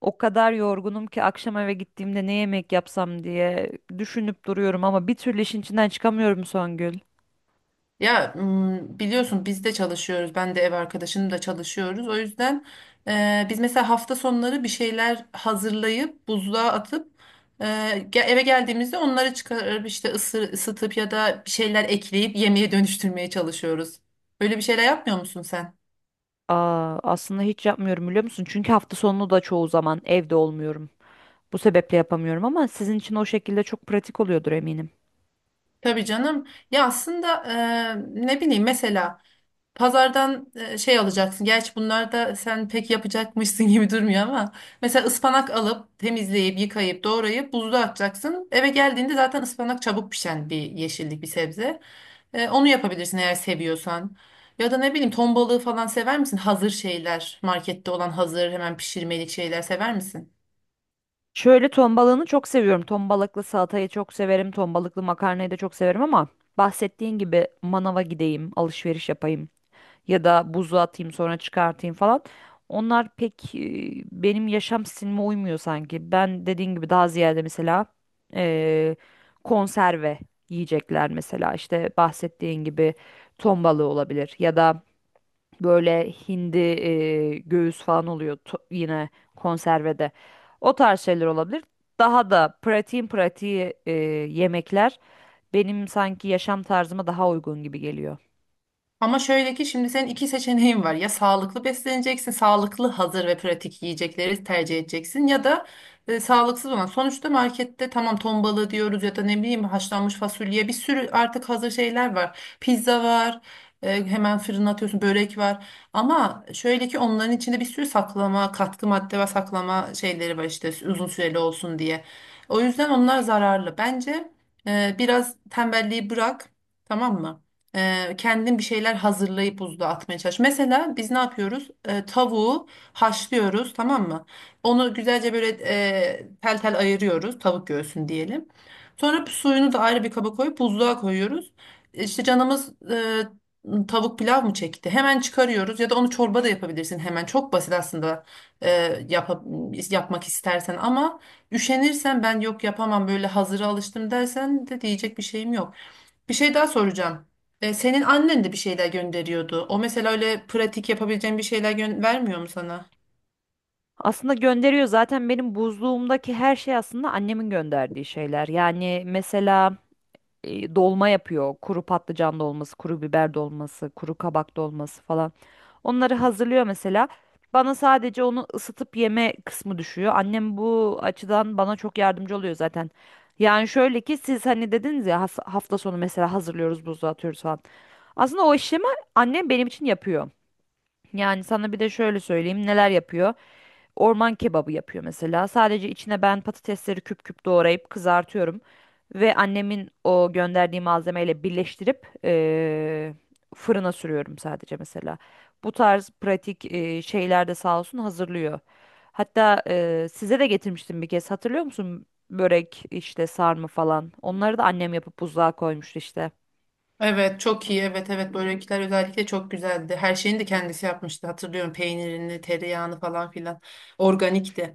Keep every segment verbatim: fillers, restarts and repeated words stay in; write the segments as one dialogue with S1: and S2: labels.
S1: O kadar yorgunum ki akşam eve gittiğimde ne yemek yapsam diye düşünüp duruyorum ama bir türlü işin içinden çıkamıyorum, Songül.
S2: Ya m, biliyorsun biz de çalışıyoruz. Ben de ev arkadaşım da çalışıyoruz. O yüzden e, biz mesela hafta sonları bir şeyler hazırlayıp buzluğa atıp e, ge- eve geldiğimizde onları çıkarıp işte ısı- ısıtıp ya da bir şeyler ekleyip yemeğe dönüştürmeye çalışıyoruz. Böyle bir şeyler yapmıyor musun sen?
S1: Aa, aslında hiç yapmıyorum, biliyor musun? Çünkü hafta sonu da çoğu zaman evde olmuyorum. Bu sebeple yapamıyorum ama sizin için o şekilde çok pratik oluyordur, eminim.
S2: Tabii canım. Ya aslında e, ne bileyim mesela pazardan e, şey alacaksın. Gerçi bunlar da sen pek yapacakmışsın gibi durmuyor ama mesela ıspanak alıp temizleyip yıkayıp doğrayıp buzluğa atacaksın. Eve geldiğinde zaten ıspanak çabuk pişen bir yeşillik bir sebze. E, onu yapabilirsin eğer seviyorsan. Ya da ne bileyim ton balığı falan sever misin? Hazır şeyler, markette olan hazır hemen pişirmelik şeyler sever misin?
S1: Şöyle, ton balığını çok seviyorum. Ton balıklı salatayı çok severim. Ton balıklı makarnayı da çok severim ama bahsettiğin gibi manava gideyim, alışveriş yapayım ya da buza atayım, sonra çıkartayım falan. Onlar pek e, benim yaşam stilime uymuyor sanki. Ben dediğin gibi daha ziyade mesela e, konserve yiyecekler, mesela işte bahsettiğin gibi ton balığı olabilir ya da böyle hindi e, göğüs falan oluyor to- yine konservede. O tarz şeyler olabilir. Daha da pratiğin pratiği e, yemekler benim sanki yaşam tarzıma daha uygun gibi geliyor.
S2: Ama şöyle ki şimdi senin iki seçeneğin var. Ya sağlıklı besleneceksin, sağlıklı hazır ve pratik yiyecekleri tercih edeceksin ya da e, sağlıksız olan. Sonuçta markette tamam ton balığı diyoruz ya da ne bileyim haşlanmış fasulye bir sürü artık hazır şeyler var. Pizza var. E, hemen fırına atıyorsun börek var ama şöyle ki onların içinde bir sürü saklama katkı madde ve saklama şeyleri var işte uzun süreli olsun diye o yüzden onlar zararlı bence e, Biraz tembelliği bırak, tamam mı? Ee, kendin bir şeyler hazırlayıp buzluğa atmaya çalış. Mesela biz ne yapıyoruz? Ee, tavuğu haşlıyoruz, tamam mı? Onu güzelce böyle e, tel tel ayırıyoruz, tavuk göğsünü diyelim. Sonra suyunu da ayrı bir kaba koyup buzluğa koyuyoruz. E, İşte canımız e, tavuk pilav mı çekti? Hemen çıkarıyoruz ya da onu çorba da yapabilirsin hemen. Çok basit aslında e, yapa- yapmak istersen ama üşenirsen ben yok yapamam böyle hazıra alıştım dersen de diyecek bir şeyim yok. Bir şey daha soracağım. E, senin annen de bir şeyler gönderiyordu. O mesela öyle pratik yapabileceğin bir şeyler gö- vermiyor mu sana?
S1: Aslında gönderiyor, zaten benim buzluğumdaki her şey aslında annemin gönderdiği şeyler. Yani mesela e, dolma yapıyor. Kuru patlıcan dolması, kuru biber dolması, kuru kabak dolması falan. Onları hazırlıyor mesela. Bana sadece onu ısıtıp yeme kısmı düşüyor. Annem bu açıdan bana çok yardımcı oluyor zaten. Yani şöyle ki siz hani dediniz ya, has- hafta sonu mesela hazırlıyoruz, buzluğa atıyoruz falan. Aslında o işlemi annem benim için yapıyor. Yani sana bir de şöyle söyleyeyim neler yapıyor. Orman kebabı yapıyor mesela. Sadece içine ben patatesleri küp küp doğrayıp kızartıyorum. Ve annemin o gönderdiği malzemeyle birleştirip eee, fırına sürüyorum sadece mesela. Bu tarz pratik eee, şeyler de sağ olsun hazırlıyor. Hatta eee, size de getirmiştim bir kez, hatırlıyor musun? Börek işte, sarma falan. Onları da annem yapıp buzluğa koymuştu işte.
S2: Evet, çok iyi. Evet, evet. Börekler özellikle çok güzeldi. Her şeyini de kendisi yapmıştı. Hatırlıyorum peynirini, tereyağını falan filan. Organikti.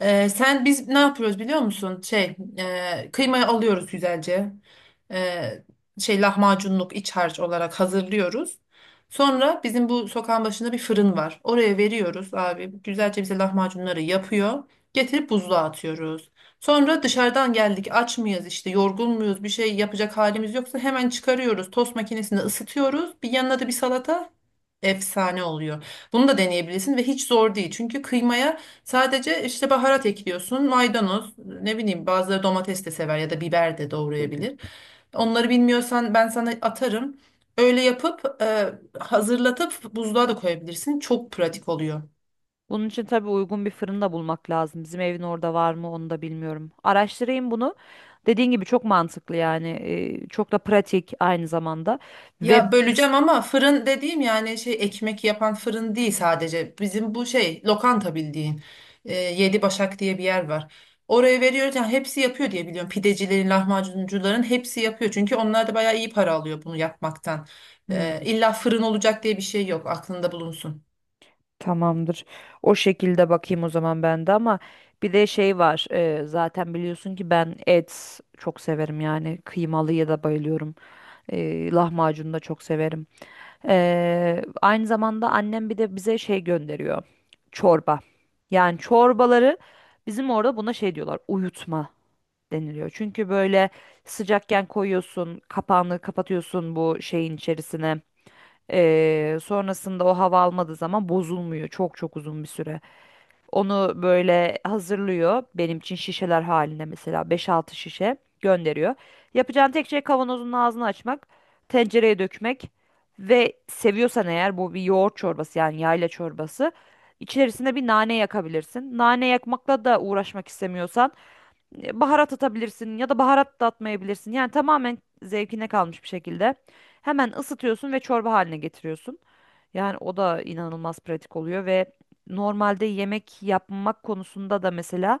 S2: Ee, sen biz ne yapıyoruz biliyor musun? Şey, e, kıymayı alıyoruz güzelce. Ee, şey Lahmacunluk iç harç olarak hazırlıyoruz. Sonra bizim bu sokağın başında bir fırın var. Oraya veriyoruz abi. Güzelce bize lahmacunları yapıyor. Getirip buzluğa atıyoruz. Sonra dışarıdan geldik aç mıyız işte yorgun muyuz bir şey yapacak halimiz yoksa hemen çıkarıyoruz. Tost makinesinde ısıtıyoruz. Bir yanına da bir salata efsane oluyor. Bunu da deneyebilirsin ve hiç zor değil. Çünkü kıymaya sadece işte baharat ekliyorsun, maydanoz, ne bileyim bazıları domates de sever ya da biber de doğrayabilir. Onları bilmiyorsan ben sana atarım. Öyle yapıp e, hazırlatıp buzluğa da koyabilirsin. Çok pratik oluyor.
S1: Bunun için tabii uygun bir fırın da bulmak lazım. Bizim evin orada var mı onu da bilmiyorum. Araştırayım bunu. Dediğin gibi çok mantıklı yani. Ee, çok da pratik aynı zamanda. Ve
S2: Ya böleceğim ama fırın dediğim yani şey ekmek yapan fırın değil sadece. Bizim bu şey lokanta bildiğin. Ee, Yedi Başak diye bir yer var. Oraya veriyoruz yani hepsi yapıyor diye biliyorum. Pidecilerin, lahmacuncuların hepsi yapıyor. Çünkü onlar da bayağı iyi para alıyor bunu yapmaktan.
S1: hmm.
S2: Ee, illa fırın olacak diye bir şey yok aklında bulunsun.
S1: Tamamdır. O şekilde bakayım o zaman ben de ama bir de şey var. E, zaten biliyorsun ki ben et çok severim, yani kıymalıya da bayılıyorum. E, lahmacun da çok severim. E, aynı zamanda annem bir de bize şey gönderiyor. Çorba. Yani çorbaları bizim orada buna şey diyorlar. Uyutma deniliyor. Çünkü böyle sıcakken koyuyorsun, kapağını kapatıyorsun bu şeyin içerisine. Ee, sonrasında o hava almadığı zaman bozulmuyor çok çok uzun bir süre. Onu böyle hazırlıyor benim için şişeler halinde, mesela beş altı şişe gönderiyor. Yapacağın tek şey kavanozun ağzını açmak, tencereye dökmek ve seviyorsan eğer, bu bir yoğurt çorbası, yani yayla çorbası. İçerisine bir nane yakabilirsin. Nane yakmakla da uğraşmak istemiyorsan e, baharat atabilirsin ya da baharat da atmayabilirsin. Yani tamamen zevkine kalmış bir şekilde. Hemen ısıtıyorsun ve çorba haline getiriyorsun. Yani o da inanılmaz pratik oluyor ve normalde yemek yapmak konusunda da mesela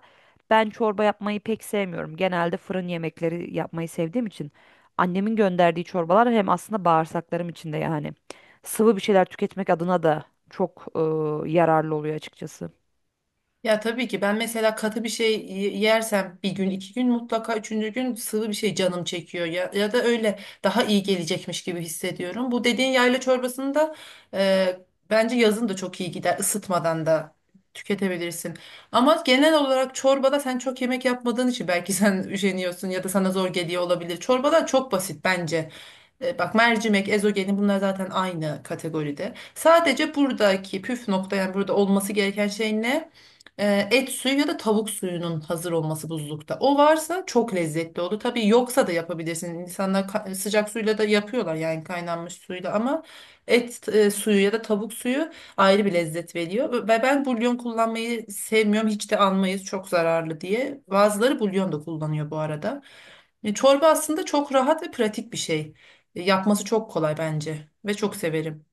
S1: ben çorba yapmayı pek sevmiyorum. Genelde fırın yemekleri yapmayı sevdiğim için annemin gönderdiği çorbalar hem aslında bağırsaklarım içinde, yani sıvı bir şeyler tüketmek adına da çok e, yararlı oluyor açıkçası.
S2: Ya tabii ki ben mesela katı bir şey y- yersem bir gün iki gün mutlaka üçüncü gün sıvı bir şey canım çekiyor ya ya da öyle daha iyi gelecekmiş gibi hissediyorum. Bu dediğin yayla çorbasını da e, bence yazın da çok iyi gider ısıtmadan da tüketebilirsin. Ama genel olarak çorbada sen çok yemek yapmadığın için belki sen üşeniyorsun ya da sana zor geliyor olabilir. Çorbalar çok basit bence. E, Bak mercimek, ezogelin bunlar zaten aynı kategoride. Sadece buradaki püf nokta yani burada olması gereken şey ne? E, Et suyu ya da tavuk suyunun hazır olması buzlukta. O varsa çok lezzetli olur. Tabii yoksa da yapabilirsin. İnsanlar ka- sıcak suyla da yapıyorlar yani kaynanmış suyla ama et e, suyu ya da tavuk suyu ayrı bir lezzet veriyor. Ve ben bulyon kullanmayı sevmiyorum. Hiç de almayız çok zararlı diye. Bazıları bulyon da kullanıyor bu arada. E, Çorba aslında çok rahat ve pratik bir şey. Yapması çok kolay bence ve çok severim.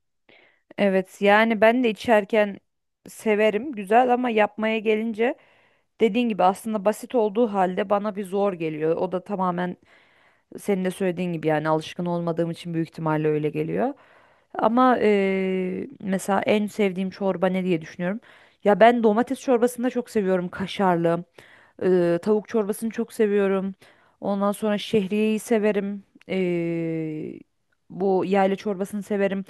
S1: Evet, yani ben de içerken severim, güzel, ama yapmaya gelince dediğin gibi aslında basit olduğu halde bana bir zor geliyor. O da tamamen senin de söylediğin gibi, yani alışkın olmadığım için büyük ihtimalle öyle geliyor. Ama eee, mesela en sevdiğim çorba ne diye düşünüyorum. Ya ben domates çorbasını da çok seviyorum, kaşarlı. Eee, tavuk çorbasını çok seviyorum. Ondan sonra şehriyeyi severim. Eee, bu yayla çorbasını severim.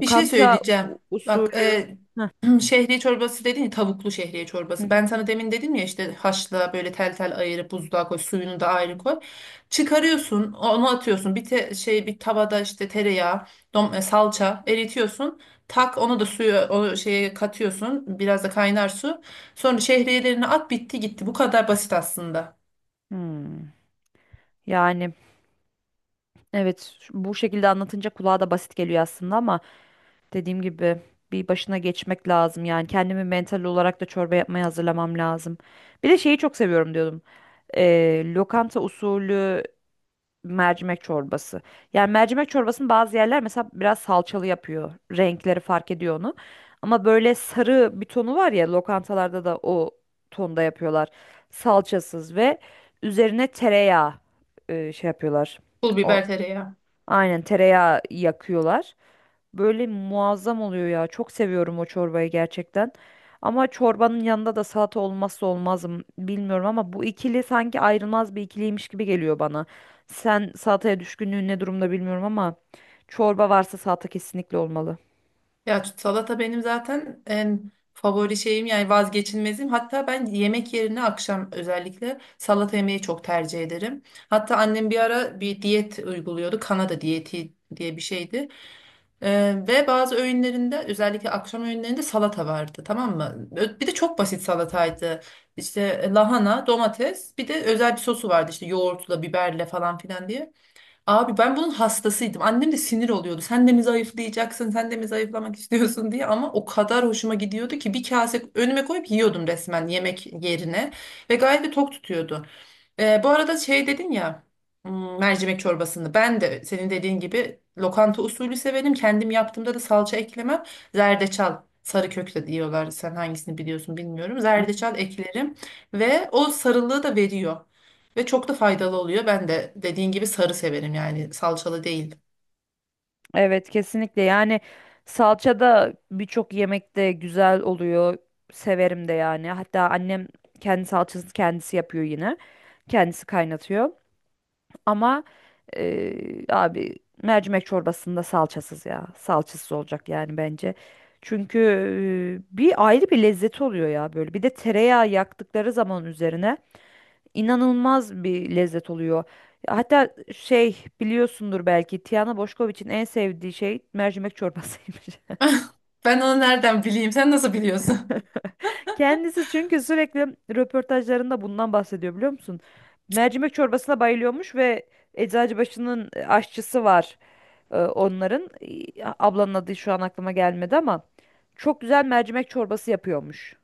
S2: Bir şey söyleyeceğim.
S1: u-
S2: Bak
S1: usulü.
S2: e,
S1: Heh.
S2: Şehriye çorbası dedin ya tavuklu şehriye
S1: Hı
S2: çorbası.
S1: hı.
S2: Ben sana demin dedim ya işte haşla böyle tel tel ayırıp buzluğa koy suyunu da ayrı koy. Çıkarıyorsun onu atıyorsun bir te- şey bir tavada işte tereyağı dom- e, salça eritiyorsun. Tak onu da suya o şeye katıyorsun biraz da kaynar su. Sonra şehriyelerini at bitti gitti bu kadar basit aslında.
S1: Hmm. Yani. Evet, ş- bu şekilde anlatınca kulağa da basit geliyor aslında ama dediğim gibi bir başına geçmek lazım. Yani kendimi mental olarak da çorba yapmaya hazırlamam lazım. Bir de şeyi çok seviyorum diyordum. Ee, lokanta usulü mercimek çorbası. Yani mercimek çorbasını bazı yerler mesela biraz salçalı yapıyor. Renkleri fark ediyor onu. Ama böyle sarı bir tonu var ya, lokantalarda da o tonda yapıyorlar. Salçasız ve üzerine tereyağı e, şey yapıyorlar.
S2: Pul biber tereyağı.
S1: Aynen, tereyağı yakıyorlar. Böyle muazzam oluyor ya. Çok seviyorum o çorbayı, gerçekten. Ama çorbanın yanında da salata olmazsa olmazım, bilmiyorum ama bu ikili sanki ayrılmaz bir ikiliymiş gibi geliyor bana. Sen salataya düşkünlüğün ne durumda bilmiyorum ama çorba varsa salata kesinlikle olmalı.
S2: Ya salata benim zaten en favori şeyim yani vazgeçilmezim. Hatta ben yemek yerine akşam özellikle salata yemeyi çok tercih ederim. Hatta annem bir ara bir diyet uyguluyordu. Kanada diyeti diye bir şeydi. Ee, ve bazı öğünlerinde özellikle akşam öğünlerinde salata vardı tamam mı? Ö- Bir de çok basit salataydı. İşte lahana, domates bir de özel bir sosu vardı işte yoğurtla, biberle falan filan diye. Abi ben bunun hastasıydım. Annem de sinir oluyordu. Sen de mi zayıflayacaksın? Sen de mi zayıflamak istiyorsun diye. Ama o kadar hoşuma gidiyordu ki bir kase önüme koyup yiyordum resmen yemek yerine. Ve gayet de tok tutuyordu. Ee, bu arada şey dedin ya hmm, mercimek çorbasını. Ben de senin dediğin gibi lokanta usulü severim. Kendim yaptığımda da salça eklemem. Zerdeçal. Sarı kök de diyorlar. Sen hangisini biliyorsun bilmiyorum.
S1: Hı.
S2: Zerdeçal eklerim ve o sarılığı da veriyor. Ve çok da faydalı oluyor. Ben de dediğin gibi sarı severim yani salçalı değil.
S1: Evet, kesinlikle yani salça da birçok yemekte güzel oluyor. Severim de yani. Hatta annem kendi salçasını kendisi yapıyor yine. Kendisi kaynatıyor. Ama eee, abi, mercimek çorbasında salçasız ya. Salçasız olacak yani bence. Çünkü eee, bir ayrı bir lezzet oluyor ya böyle. Bir de tereyağı yaktıkları zaman üzerine inanılmaz bir lezzet oluyor. Hatta şey, biliyorsundur belki, Tiana Boşkoviç'in en sevdiği şey mercimek çorbasıymış.
S2: Ben onu nereden bileyim? Sen nasıl biliyorsun?
S1: Kendisi çünkü sürekli röportajlarında bundan bahsediyor, biliyor musun? Mercimek çorbasına bayılıyormuş ve Eczacıbaşı'nın aşçısı var. Ee, onların e, ablanın adı şu an aklıma gelmedi ama çok güzel mercimek çorbası yapıyormuş.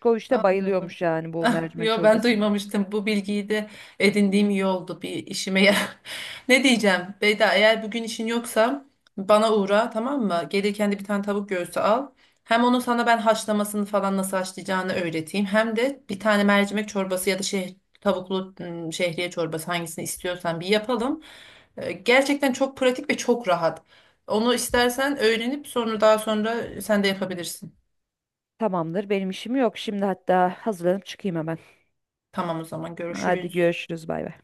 S1: de
S2: Anladım.
S1: bayılıyormuş yani bu
S2: Ah,
S1: mercimek
S2: yo ben
S1: çorbasına.
S2: duymamıştım. Bu bilgiyi de edindiğim iyi oldu. Bir işime yarar. Ne diyeceğim? Beyda eğer bugün işin yoksa bana uğra tamam mı? Gelirken de bir tane tavuk göğsü al. Hem onu sana ben haşlamasını falan nasıl haşlayacağını öğreteyim. Hem de bir tane mercimek çorbası ya da şeh tavuklu ım, şehriye çorbası hangisini istiyorsan bir yapalım. Ee, Gerçekten çok pratik ve çok rahat. Onu istersen öğrenip sonra daha sonra sen de yapabilirsin.
S1: Tamamdır, benim işim yok. Şimdi hatta hazırlanıp çıkayım hemen.
S2: Tamam o zaman
S1: Hadi
S2: görüşürüz.
S1: görüşürüz, bay bay.